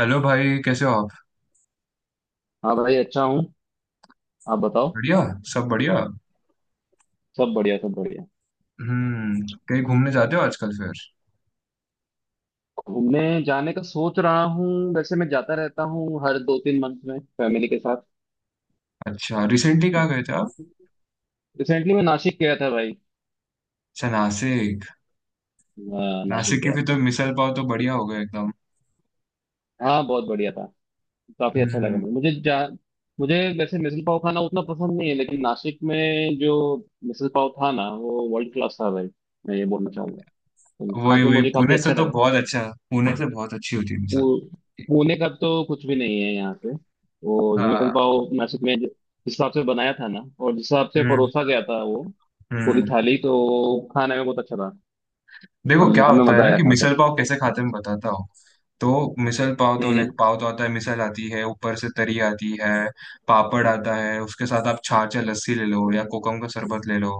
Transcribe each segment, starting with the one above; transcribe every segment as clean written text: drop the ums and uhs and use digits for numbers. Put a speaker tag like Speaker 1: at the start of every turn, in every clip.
Speaker 1: Hello भाई, कैसे हो आप।
Speaker 2: हाँ भाई, अच्छा हूँ। आप बताओ।
Speaker 1: बढ़िया। सब बढ़िया।
Speaker 2: सब बढ़िया, सब बढ़िया।
Speaker 1: कहीं घूमने जाते हो आजकल फिर।
Speaker 2: घूमने जाने का सोच रहा हूँ। वैसे मैं जाता रहता हूँ हर दो तीन मंथ में फैमिली के साथ।
Speaker 1: अच्छा, रिसेंटली कहाँ गए थे आप।
Speaker 2: रिसेंटली मैं नासिक गया था भाई।
Speaker 1: अच्छा, नासिक।
Speaker 2: हाँ, नासिक
Speaker 1: नासिक की
Speaker 2: गया
Speaker 1: भी तो
Speaker 2: था।
Speaker 1: मिसल पाव तो बढ़िया हो गया एकदम।
Speaker 2: हाँ, बहुत बढ़िया था। काफी अच्छा लगा
Speaker 1: हम्म।
Speaker 2: मुझे मुझे जा मुझे वैसे मिसल पाव खाना उतना पसंद नहीं है, लेकिन नासिक में जो मिसल पाव था ना, वो वर्ल्ड क्लास था भाई। मैं ये बोलना चाहूंगा। तो खा
Speaker 1: वही
Speaker 2: के
Speaker 1: वही,
Speaker 2: मुझे काफी
Speaker 1: पुणे से
Speaker 2: अच्छा
Speaker 1: तो
Speaker 2: लगा।
Speaker 1: बहुत अच्छा। पुणे से बहुत अच्छी होती है मिसल।
Speaker 2: पू- पुणे का तो कुछ भी नहीं है यहाँ पे। वो विकल
Speaker 1: हाँ।
Speaker 2: पाव नासिक में जिस हिसाब से बनाया था ना, और जिस हिसाब से
Speaker 1: हम्म,
Speaker 2: परोसा गया था, वो पूरी
Speaker 1: हम्म।
Speaker 2: थाली तो खाने में बहुत अच्छा था।
Speaker 1: देखो,
Speaker 2: हमने
Speaker 1: क्या
Speaker 2: हमें
Speaker 1: होता है
Speaker 2: मजा
Speaker 1: ना
Speaker 2: आया
Speaker 1: कि
Speaker 2: था
Speaker 1: मिसल
Speaker 2: करके।
Speaker 1: पाव कैसे खाते हैं, मैं बताता हूँ। तो मिसल पाव तो, लाइक,
Speaker 2: हम्म।
Speaker 1: पाव तो आता है, मिसल आती है, ऊपर से तरी आती है। पापड़ आता है उसके साथ। आप छाछ या लस्सी ले लो, या कोकम का शरबत ले लो।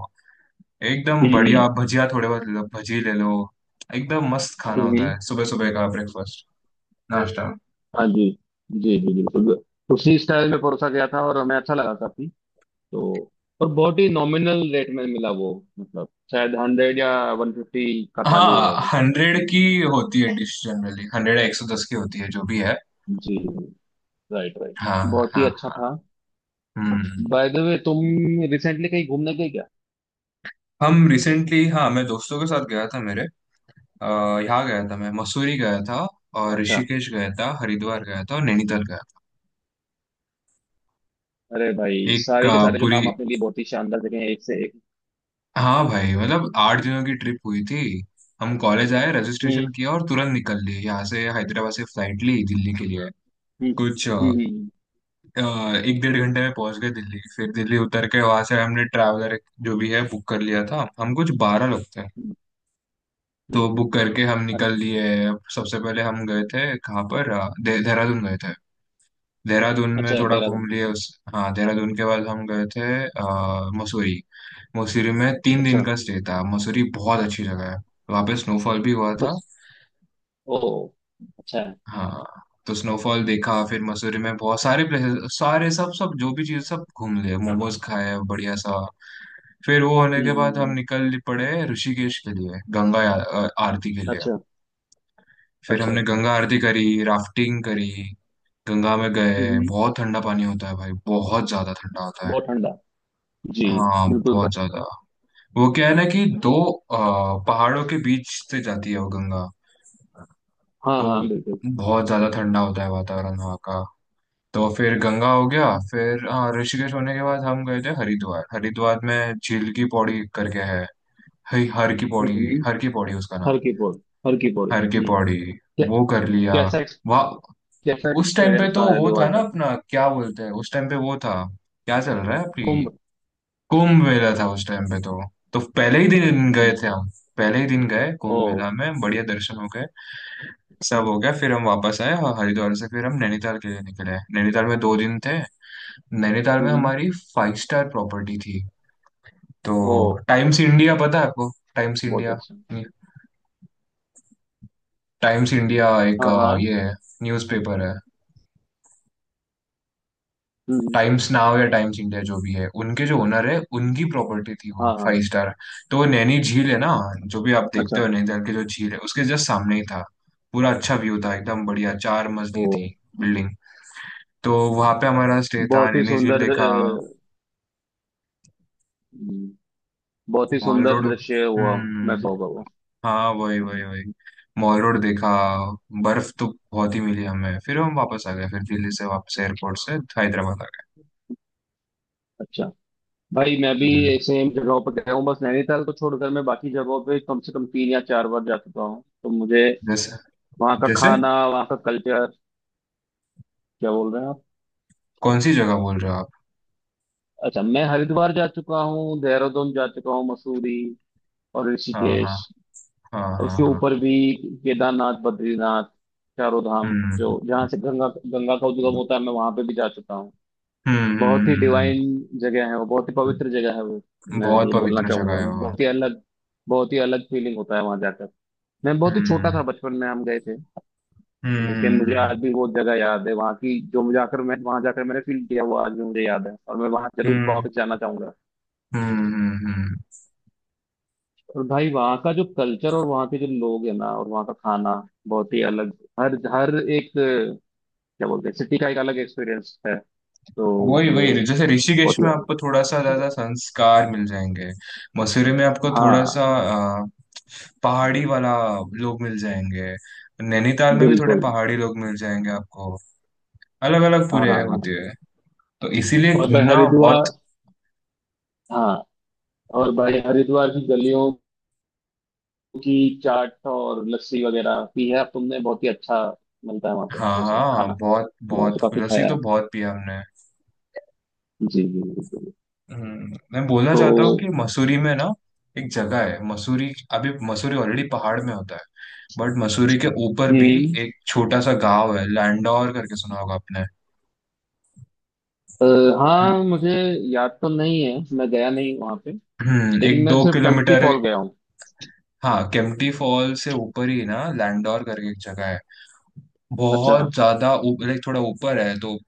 Speaker 1: एकदम बढ़िया।
Speaker 2: हम्म।
Speaker 1: आप भजिया थोड़े बहुत ले लो, भजी ले लो। एकदम मस्त खाना
Speaker 2: हम्म।
Speaker 1: होता
Speaker 2: हम्म।
Speaker 1: है, सुबह सुबह का ब्रेकफास्ट। नाश्ता।
Speaker 2: हाँ जी। जी जी, बिल्कुल। उसी स्टाइल में परोसा गया था और हमें अच्छा लगा काफी। तो और बहुत ही नॉमिनल रेट में मिला वो। मतलब शायद 100 या 150 का थाली होगा
Speaker 1: हाँ,
Speaker 2: वो।
Speaker 1: 100 की होती है डिश, जनरली 100 या 110 की होती है, जो भी है।
Speaker 2: जी। Right right.
Speaker 1: हाँ,
Speaker 2: बहुत ही
Speaker 1: हाँ,
Speaker 2: अच्छा
Speaker 1: हाँ।
Speaker 2: था।
Speaker 1: हम्म।
Speaker 2: बाय द वे, तुम रिसेंटली कहीं घूमने गए क्या?
Speaker 1: हम रिसेंटली, हाँ, मैं दोस्तों के साथ गया था, मेरे अ, यहाँ गया था, मैं मसूरी गया था, और
Speaker 2: अच्छा।
Speaker 1: ऋषिकेश गया था, हरिद्वार गया था, और नैनीताल गया
Speaker 2: अरे
Speaker 1: था,
Speaker 2: भाई,
Speaker 1: एक
Speaker 2: सारे के सारे जो
Speaker 1: पूरी।
Speaker 2: नाम आपने लिए बहुत ही शानदार जगह है, एक से एक।
Speaker 1: हाँ भाई, मतलब 8 दिनों की ट्रिप हुई थी। हम कॉलेज आए, रजिस्ट्रेशन
Speaker 2: हम्म।
Speaker 1: किया और तुरंत निकल लिए यहाँ से, हैदराबाद से फ्लाइट ली दिल्ली के लिए।
Speaker 2: हम्म।
Speaker 1: कुछ
Speaker 2: हम्म। हम्म।
Speaker 1: अ, एक डेढ़ घंटे में पहुंच गए दिल्ली, फिर दिल्ली उतर के वहां से हमने ट्रैवलर जो भी है बुक कर लिया था, हम कुछ 12 लोग थे।
Speaker 2: हम्म।
Speaker 1: तो
Speaker 2: हम्म।
Speaker 1: बुक
Speaker 2: हम्म।
Speaker 1: करके हम निकल
Speaker 2: अच्छा।
Speaker 1: लिए। सबसे पहले हम गए थे कहाँ पर, देहरादून गए थे। देहरादून में
Speaker 2: अच्छा,
Speaker 1: थोड़ा घूम
Speaker 2: देहरादून।
Speaker 1: लिए उस। हाँ, देहरादून के बाद हम गए थे मसूरी। मसूरी में 3 दिन
Speaker 2: अच्छा।
Speaker 1: का स्टे था, मसूरी बहुत अच्छी जगह है। वहाँ पे स्नोफॉल भी हुआ था।
Speaker 2: बस। ओ। अच्छा है।
Speaker 1: हाँ। तो स्नोफॉल देखा, फिर मसूरी में बहुत सारे प्लेसेस, सारे सब सब जो भी चीज़ सब घूम लिए, मोमोज खाए, बढ़िया सा। फिर वो होने
Speaker 2: हम्म।
Speaker 1: के बाद हम निकल पड़े ऋषिकेश के लिए, गंगा आरती के लिए।
Speaker 2: अच्छा
Speaker 1: फिर
Speaker 2: अच्छा
Speaker 1: हमने
Speaker 2: अच्छा
Speaker 1: गंगा आरती करी। राफ्टिंग करी। गंगा में
Speaker 2: हम्म।
Speaker 1: गए,
Speaker 2: हम्म।
Speaker 1: बहुत ठंडा पानी होता है भाई, बहुत ज्यादा ठंडा होता है।
Speaker 2: बहुत ठंडा। जी,
Speaker 1: हाँ,
Speaker 2: बिल्कुल
Speaker 1: बहुत
Speaker 2: भाई।
Speaker 1: ज्यादा। वो क्या है ना, कि दो पहाड़ों के बीच से जाती है वो गंगा।
Speaker 2: हाँ
Speaker 1: तो
Speaker 2: हाँ, बिल्कुल।
Speaker 1: बहुत ज्यादा ठंडा होता है वातावरण वहाँ का। तो फिर गंगा हो गया।
Speaker 2: हम्म।
Speaker 1: फिर, हाँ, ऋषिकेश होने के बाद हम गए थे हरिद्वार। हरिद्वार में झील की पौड़ी करके है, हई, हर की पौड़ी।
Speaker 2: हम्म।
Speaker 1: हर की पौड़ी उसका नाम।
Speaker 2: हर की पौड़ी। हर की पौड़ी।
Speaker 1: हर की
Speaker 2: हम्म।
Speaker 1: पौड़ी।
Speaker 2: क्या-
Speaker 1: वो कर लिया
Speaker 2: कैसा।
Speaker 1: वहाँ।
Speaker 2: कैसा
Speaker 1: उस टाइम पे
Speaker 2: एक्सपीरियंस था
Speaker 1: तो वो
Speaker 2: हरिद्वार
Speaker 1: था ना,
Speaker 2: का?
Speaker 1: अपना क्या बोलते हैं, उस टाइम पे वो था, क्या चल रहा है अभी।
Speaker 2: कुंभ।
Speaker 1: कुंभ मेला था उस टाइम पे, तो पहले ही दिन गए
Speaker 2: हम्म।
Speaker 1: थे हम। पहले ही दिन गए कुंभ
Speaker 2: ओ।
Speaker 1: मेला में, बढ़िया दर्शन हो गए। सब हो गया, फिर हम वापस आए और हरिद्वार से फिर हम नैनीताल के लिए निकले। नैनीताल में 2 दिन थे। नैनीताल में
Speaker 2: हम्म।
Speaker 1: हमारी फाइव स्टार प्रॉपर्टी थी। तो,
Speaker 2: ओ।
Speaker 1: टाइम्स इंडिया पता है आपको, टाइम्स
Speaker 2: बहुत
Speaker 1: इंडिया?
Speaker 2: अच्छा।
Speaker 1: टाइम्स इंडिया एक
Speaker 2: हाँ हाँ।
Speaker 1: ये है, न्यूज़पेपर है।
Speaker 2: हम्म। हम्म।
Speaker 1: टाइम्स नाउ या टाइम्स इंडिया जो भी है, उनके जो ओनर है उनकी प्रॉपर्टी थी, वो
Speaker 2: हाँ हाँ।
Speaker 1: Five star. तो वो नैनी झील है ना, जो भी आप देखते
Speaker 2: अच्छा।
Speaker 1: हो नैनीताल के, जो झील है उसके जस्ट सामने ही था। पूरा अच्छा व्यू था, एकदम बढ़िया, चार
Speaker 2: ओ।
Speaker 1: मजली थी बिल्डिंग। तो वहां पे हमारा स्टे था,
Speaker 2: बहुत ही
Speaker 1: नैनी झील
Speaker 2: सुंदर।
Speaker 1: देखा।
Speaker 2: हम्म। बहुत ही
Speaker 1: मॉल
Speaker 2: सुंदर
Speaker 1: रोड।
Speaker 2: दृश्य हुआ। मैं
Speaker 1: हम्म।
Speaker 2: तो कहूँगा वो।
Speaker 1: हाँ, वही वही
Speaker 2: हम्म।
Speaker 1: वही। मॉल रोड देखा। बर्फ तो बहुत ही मिली हमें, फिर हम वापस आ गए फिर दिल्ली से वापस एयरपोर्ट से, हैदराबाद आ गए।
Speaker 2: अच्छा। भाई, मैं भी
Speaker 1: हम्म।
Speaker 2: सेम जगहों पर गया हूँ, बस नैनीताल को छोड़कर। मैं बाकी जगहों पे कम से कम तीन या चार बार जा चुका हूँ। तो मुझे
Speaker 1: जैसे
Speaker 2: वहाँ का
Speaker 1: जैसे
Speaker 2: खाना, वहाँ का कल्चर। क्या बोल रहे हैं आप?
Speaker 1: कौन सी जगह बोल रहे हो आप।
Speaker 2: अच्छा, मैं हरिद्वार जा चुका हूँ, देहरादून जा चुका हूँ, मसूरी और
Speaker 1: हाँ, हाँ,
Speaker 2: ऋषिकेश।
Speaker 1: हाँ, हाँ,
Speaker 2: उसके
Speaker 1: हाँ।
Speaker 2: ऊपर भी केदारनाथ, बद्रीनाथ, चारों धाम। जो
Speaker 1: हम्म
Speaker 2: जहाँ से गंगा गंगा का उद्गम होता है, मैं वहां पे भी जा चुका हूँ।
Speaker 1: हम्म, हम्म,
Speaker 2: बहुत ही डिवाइन जगह है वो, बहुत ही पवित्र
Speaker 1: हम्म।
Speaker 2: जगह है वो। मैं
Speaker 1: बहुत
Speaker 2: ये बोलना
Speaker 1: पवित्र जगह
Speaker 2: चाहूंगा,
Speaker 1: है वो।
Speaker 2: बहुत ही अलग, बहुत ही अलग फीलिंग होता है वहां जाकर। मैं बहुत ही छोटा
Speaker 1: हम्म,
Speaker 2: था बचपन में, हम गए थे। लेकिन
Speaker 1: हम्म,
Speaker 2: मुझे आज
Speaker 1: हम्म,
Speaker 2: भी वो जगह याद है, वहाँ की जो मुझे आकर मैं वहां जाकर मैंने फील किया, वो आज भी मुझे याद है, और मैं वहां जरूर
Speaker 1: हम्म,
Speaker 2: वापस जाना चाहूंगा।
Speaker 1: हम्म, हम्म।
Speaker 2: और भाई, वहाँ का जो कल्चर और वहाँ के जो लोग हैं ना, और वहाँ का खाना, बहुत ही अलग। हर हर एक क्या बोलते हैं, सिटी का एक अलग एक्सपीरियंस है। तो
Speaker 1: वही
Speaker 2: वो
Speaker 1: वही। जैसे ऋषिकेश
Speaker 2: बहुत ही।
Speaker 1: में आपको थोड़ा सा ज्यादा संस्कार मिल जाएंगे। मसूरी में आपको थोड़ा सा
Speaker 2: हाँ,
Speaker 1: अ, पहाड़ी वाला लोग मिल जाएंगे। नैनीताल में भी थोड़े
Speaker 2: बिल्कुल।
Speaker 1: पहाड़ी लोग मिल जाएंगे आपको। अलग अलग
Speaker 2: हाँ हाँ
Speaker 1: पूरे होते
Speaker 2: हाँ।
Speaker 1: हैं। तो इसीलिए
Speaker 2: और भाई
Speaker 1: घूमना बहुत।
Speaker 2: हरिद्वार। हाँ। और भाई, हरिद्वार की गलियों की चाट और लस्सी वगैरह पी है अब तुमने? बहुत ही अच्छा मिलता है वहाँ पे
Speaker 1: हाँ
Speaker 2: वो सब
Speaker 1: हाँ,
Speaker 2: खाना।
Speaker 1: बहुत
Speaker 2: मैंने तो
Speaker 1: बहुत
Speaker 2: काफी
Speaker 1: लस्सी
Speaker 2: खाया
Speaker 1: तो
Speaker 2: है।
Speaker 1: बहुत पी हमने।
Speaker 2: जी जी, बिल्कुल।
Speaker 1: मैं बोलना चाहता हूँ कि
Speaker 2: तो
Speaker 1: मसूरी में ना, एक जगह है मसूरी। अभी मसूरी ऑलरेडी पहाड़ में होता है, बट मसूरी के ऊपर भी
Speaker 2: हम्म।
Speaker 1: एक छोटा सा गांव है लैंडौर करके, सुना होगा आपने।
Speaker 2: अ, हाँ, मुझे याद तो नहीं है, मैं गया नहीं वहाँ पे।
Speaker 1: हम्म,
Speaker 2: लेकिन
Speaker 1: एक
Speaker 2: मैं
Speaker 1: दो
Speaker 2: सिर्फ टेम्पटी
Speaker 1: किलोमीटर।
Speaker 2: फॉल गया हूँ।
Speaker 1: हाँ, केम्प्टी फॉल से ऊपर ही ना लैंडौर करके एक जगह है।
Speaker 2: अच्छा।
Speaker 1: बहुत ज्यादा लाइक, थोड़ा ऊपर है तो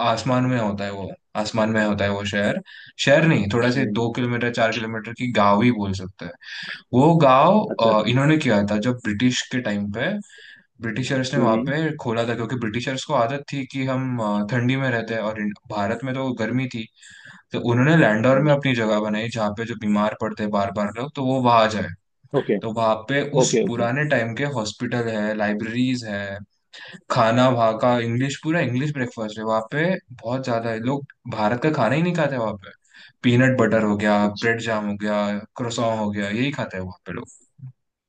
Speaker 1: आसमान में होता है वो। आसमान में होता है वो शहर। शहर नहीं, थोड़ा से
Speaker 2: हम्म।
Speaker 1: 2 किलोमीटर 4 किलोमीटर की गांव ही बोल सकते हैं। वो गांव,
Speaker 2: अच्छा अच्छा।
Speaker 1: इन्होंने किया था जब ब्रिटिश के टाइम पे। ब्रिटिशर्स ने वहां
Speaker 2: हम्म।
Speaker 1: पे खोला था, क्योंकि ब्रिटिशर्स को आदत थी कि हम ठंडी में रहते हैं, और भारत में तो गर्मी थी। तो उन्होंने लैंडौर
Speaker 2: हम्म।
Speaker 1: में अपनी जगह बनाई जहाँ पे जो बीमार पड़ते हैं बार बार लोग, तो वो वहां जाए।
Speaker 2: ओके।
Speaker 1: तो वहां पे उस
Speaker 2: ओके ओके।
Speaker 1: पुराने टाइम के हॉस्पिटल है, लाइब्रेरीज है। खाना वहाँ का इंग्लिश, पूरा इंग्लिश ब्रेकफास्ट है वहाँ पे। बहुत ज्यादा है लोग। भारत का खाना ही नहीं खाते वहाँ पे। पीनट बटर हो गया,
Speaker 2: अच्छा।
Speaker 1: ब्रेड जाम हो गया, क्रोसॉन हो गया, यही खाते हैं वहाँ पे लोग।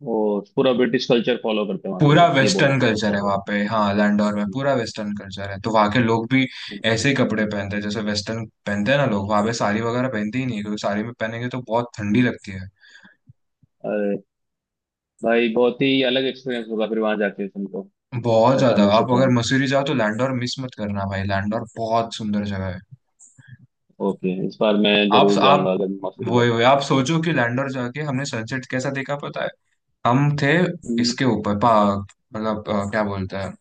Speaker 2: वो पूरा ब्रिटिश कल्चर फॉलो करते हैं वहाँ पे
Speaker 1: पूरा
Speaker 2: लोग, ये बोलना
Speaker 1: वेस्टर्न कल्चर
Speaker 2: चाह
Speaker 1: है
Speaker 2: रहे
Speaker 1: वहाँ
Speaker 2: हो?
Speaker 1: पे, हाँ, लैंडोर में पूरा वेस्टर्न कल्चर है, तो वहाँ के लोग भी ऐसे ही कपड़े पहनते हैं जैसे वेस्टर्न पहनते हैं ना लोग, वहाँ पे साड़ी वगैरह पहनते ही नहीं है, क्योंकि साड़ी में पहनेंगे तो बहुत ठंडी लगती है।
Speaker 2: अरे भाई, बहुत ही अलग एक्सपीरियंस होगा फिर वहां जाके तुमको।
Speaker 1: बहुत
Speaker 2: ऐसा
Speaker 1: ज्यादा।
Speaker 2: मैं
Speaker 1: आप
Speaker 2: सोच रहा
Speaker 1: अगर
Speaker 2: हूँ।
Speaker 1: मसूरी जाओ तो लैंडोर मिस मत करना भाई, लैंडोर बहुत सुंदर जगह है।
Speaker 2: ओके, इस बार मैं
Speaker 1: आप
Speaker 2: जरूर
Speaker 1: आप
Speaker 2: जाऊंगा अगर मैं मसूरी जाता हूँ।
Speaker 1: आप सोचो कि लैंडोर जाके हमने सनसेट कैसा देखा, पता है। हम थे
Speaker 2: हम्म।
Speaker 1: इसके ऊपर पा मतलब, क्या बोलते हैं,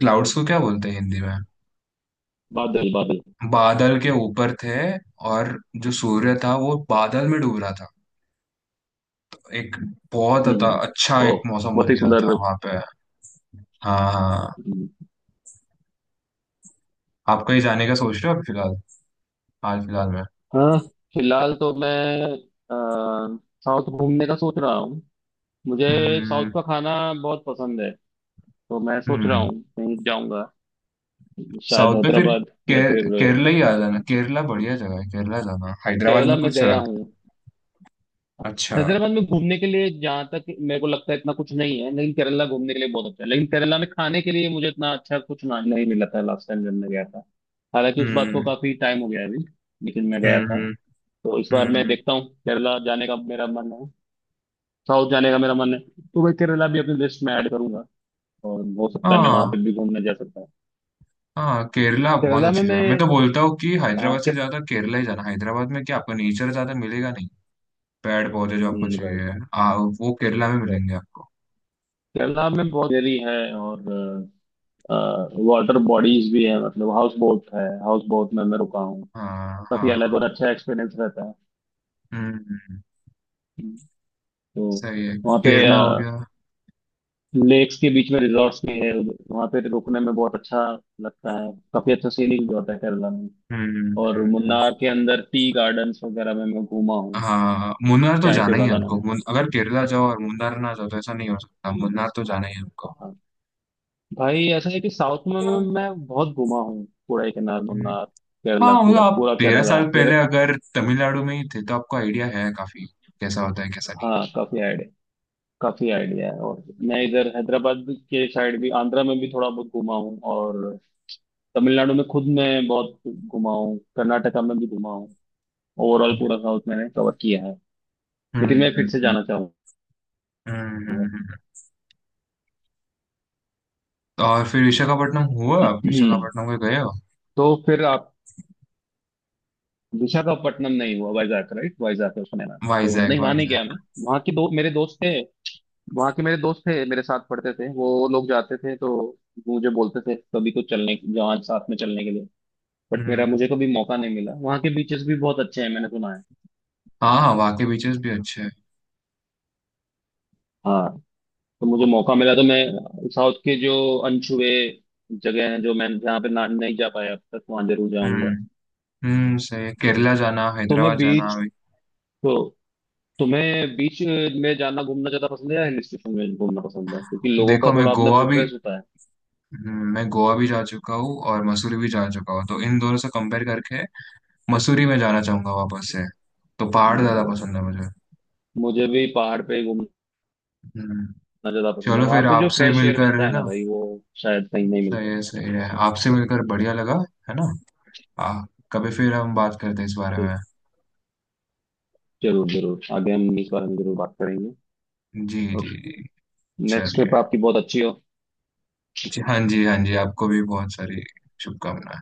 Speaker 1: क्लाउड्स को क्या बोलते हैं हिंदी में?
Speaker 2: बादल, बादल।
Speaker 1: बादल के ऊपर थे। और जो सूर्य था वो बादल में डूब रहा था। एक बहुत
Speaker 2: हम्म।
Speaker 1: अच्छा
Speaker 2: ओ।
Speaker 1: एक मौसम
Speaker 2: बहुत
Speaker 1: बन
Speaker 2: ही
Speaker 1: गया
Speaker 2: सुंदर।
Speaker 1: था वहां पे। हाँ हाँ।
Speaker 2: हम्म।
Speaker 1: आप कहीं जाने का सोच रहे हो अभी फिलहाल? हाल फिलहाल में?
Speaker 2: हाँ। फिलहाल तो मैं अ, साउथ घूमने का सोच रहा हूँ। मुझे साउथ
Speaker 1: हम्म,
Speaker 2: का खाना बहुत पसंद है। तो मैं सोच रहा
Speaker 1: हम्म।
Speaker 2: हूँ कहीं जाऊंगा, शायद
Speaker 1: साउथ में फिर,
Speaker 2: हैदराबाद या फिर।
Speaker 1: केरला ही आ जाना, केरला बढ़िया जगह है, केरला जाना, हैदराबाद
Speaker 2: केरला
Speaker 1: में
Speaker 2: में
Speaker 1: कुछ
Speaker 2: गया
Speaker 1: रख।
Speaker 2: हूँ।
Speaker 1: अच्छा।
Speaker 2: हैदराबाद में घूमने के लिए जहाँ तक मेरे को लगता है इतना कुछ नहीं है, लेकिन केरला घूमने के लिए बहुत अच्छा है। लेकिन केरला में खाने के लिए मुझे इतना अच्छा कुछ नहीं मिला था लास्ट टाइम जब मैं गया था। हालांकि उस बात को
Speaker 1: हम्म,
Speaker 2: काफी टाइम हो गया है अभी। लेकिन मैं गया
Speaker 1: हम्म,
Speaker 2: था।
Speaker 1: हम्म,
Speaker 2: तो इस बार मैं
Speaker 1: हम्म।
Speaker 2: देखता हूँ, केरला जाने का मेरा मन है, साउथ जाने का मेरा मन है। तो मैं केरला भी अपनी लिस्ट में ऐड करूंगा, और हो सकता है मैं वहां
Speaker 1: हाँ
Speaker 2: पे भी घूमने जा सकता हूँ।
Speaker 1: हाँ, केरला बहुत
Speaker 2: केरला में
Speaker 1: अच्छी जगह है। मैं
Speaker 2: मैं।
Speaker 1: तो बोलता हूँ कि हैदराबाद
Speaker 2: हाँ, के,
Speaker 1: से ज्यादा केरला ही जाना, हैदराबाद में क्या आपको नेचर ज्यादा मिलेगा? नहीं। पेड़ पौधे जो आपको
Speaker 2: राइट
Speaker 1: चाहिए, वो केरला में
Speaker 2: राइट।
Speaker 1: मिलेंगे आपको।
Speaker 2: केरला में बहुत देरी है, और वाटर बॉडीज भी है। मतलब हाउस बोट है, हाउस बोट में मैं रुका हूँ।
Speaker 1: हाँ
Speaker 2: काफी अलग
Speaker 1: हाँ।
Speaker 2: और अच्छा एक्सपीरियंस रहता है।
Speaker 1: हम्म, हम्म।
Speaker 2: हम्म। तो
Speaker 1: सही है,
Speaker 2: वहाँ पे
Speaker 1: केरला हो गया।
Speaker 2: लेक्स के बीच में रिजॉर्ट्स भी है, वहाँ पे रुकने में बहुत अच्छा लगता है। काफी अच्छा सीनिक भी होता है केरला में।
Speaker 1: हम्म,
Speaker 2: और मुन्नार के अंदर टी गार्डन्स वगैरह में मैं घूमा हूँ।
Speaker 1: हाँ, मुन्नार तो
Speaker 2: चाय के
Speaker 1: जाना ही है
Speaker 2: बागानों
Speaker 1: आपको,
Speaker 2: में।
Speaker 1: अगर केरला जाओ और मुन्नार ना जाओ तो ऐसा नहीं हो सकता, मुन्नार तो जाना ही है आपको।
Speaker 2: हाँ। भाई, ऐसा है कि साउथ में मैं बहुत घूमा हूँ। कोडाईकनाल,
Speaker 1: हम्म।
Speaker 2: मुन्नार,
Speaker 1: हाँ,
Speaker 2: केरला,
Speaker 1: मतलब
Speaker 2: पूरा
Speaker 1: आप
Speaker 2: पूरा
Speaker 1: तेरह
Speaker 2: केरला
Speaker 1: साल
Speaker 2: फिर।
Speaker 1: पहले अगर तमिलनाडु में ही थे तो आपको आइडिया है काफी, कैसा होता है कैसा नहीं।
Speaker 2: हाँ, काफी आइडिया, काफी आइडिया है। और मैं इधर हैदराबाद के साइड भी, आंध्रा में भी थोड़ा बहुत घूमा हूँ। और तमिलनाडु में खुद मैं बहुत घुमा हूँ, कर्नाटका में भी घुमा हूँ। ओवरऑल पूरा
Speaker 1: हम्म,
Speaker 2: साउथ मैंने कवर किया है।
Speaker 1: हम्म,
Speaker 2: लेकिन मैं फिर से जाना चाहूंगा।
Speaker 1: हम्म, हम्म, हम्म। और फिर विशाखापट्टनम हुआ, आप
Speaker 2: हम्म।
Speaker 1: विशाखापट्टनम को गए हो?
Speaker 2: तो फिर आप। विशाखापट्टनम नहीं हुआ। वाइजैक राइट, वाइजैक है उसका नाम तो?
Speaker 1: वाइजैक,
Speaker 2: नहीं, वहां नहीं गया मैं।
Speaker 1: वाइजैक।
Speaker 2: वहाँ के दो मेरे दोस्त थे, वहाँ के मेरे दोस्त थे, मेरे साथ पढ़ते थे। वो लोग जाते थे, तो मुझे बोलते थे कभी तो चलने जहाँ, साथ में चलने के लिए। बट मेरा
Speaker 1: हम्म।
Speaker 2: मुझे कभी मौका नहीं मिला। वहाँ के बीचेस भी बहुत अच्छे हैं मैंने सुना है।
Speaker 1: हाँ हाँ, वहाँ के बीचेस भी अच्छे हैं।
Speaker 2: हाँ। तो मुझे मौका मिला तो मैं साउथ के जो अनछुए जगह हैं, जो मैं जहाँ पे ना नहीं जा पाया अब तक, वहाँ जरूर
Speaker 1: हम्म,
Speaker 2: जाऊंगा।
Speaker 1: हम्म। सही है। केरला जाना,
Speaker 2: तुम्हें
Speaker 1: हैदराबाद जाना
Speaker 2: बीच।
Speaker 1: अभी।
Speaker 2: तो तुम्हें बीच में जाना घूमना ज्यादा पसंद है या हिल स्टेशन में घूमना पसंद है? क्योंकि लोगों का
Speaker 1: देखो, मैं
Speaker 2: थोड़ा अपना
Speaker 1: गोवा भी,
Speaker 2: प्रेफरेंस होता है।
Speaker 1: मैं गोवा भी जा चुका हूँ और मसूरी भी जा चुका हूँ, तो इन दोनों से कंपेयर करके, मसूरी में जाना चाहूंगा वापस से। तो पहाड़ ज्यादा
Speaker 2: हम्म।
Speaker 1: पसंद है मुझे।
Speaker 2: मुझे भी पहाड़ पे घूमना
Speaker 1: हम्म।
Speaker 2: ज्यादा पसंद है।
Speaker 1: चलो,
Speaker 2: वहां
Speaker 1: फिर
Speaker 2: पे जो
Speaker 1: आपसे
Speaker 2: फ्रेश एयर
Speaker 1: मिलकर,
Speaker 2: मिलता
Speaker 1: है
Speaker 2: है
Speaker 1: ना।
Speaker 2: ना भाई, वो शायद कहीं नहीं
Speaker 1: सही
Speaker 2: मिलता।
Speaker 1: है, सही है, आपसे मिलकर बढ़िया लगा। है ना। आ, कभी फिर हम बात करते हैं इस बारे
Speaker 2: तो
Speaker 1: में।
Speaker 2: जरूर जरूर आगे हम इस बारे में जरूर बात करेंगे।
Speaker 1: जी
Speaker 2: और
Speaker 1: जी जी।
Speaker 2: नेक्स्ट
Speaker 1: चलिए।
Speaker 2: ट्रिप आपकी बहुत अच्छी हो।
Speaker 1: जी हाँ, जी हाँ जी, आपको भी बहुत सारी शुभकामनाएं।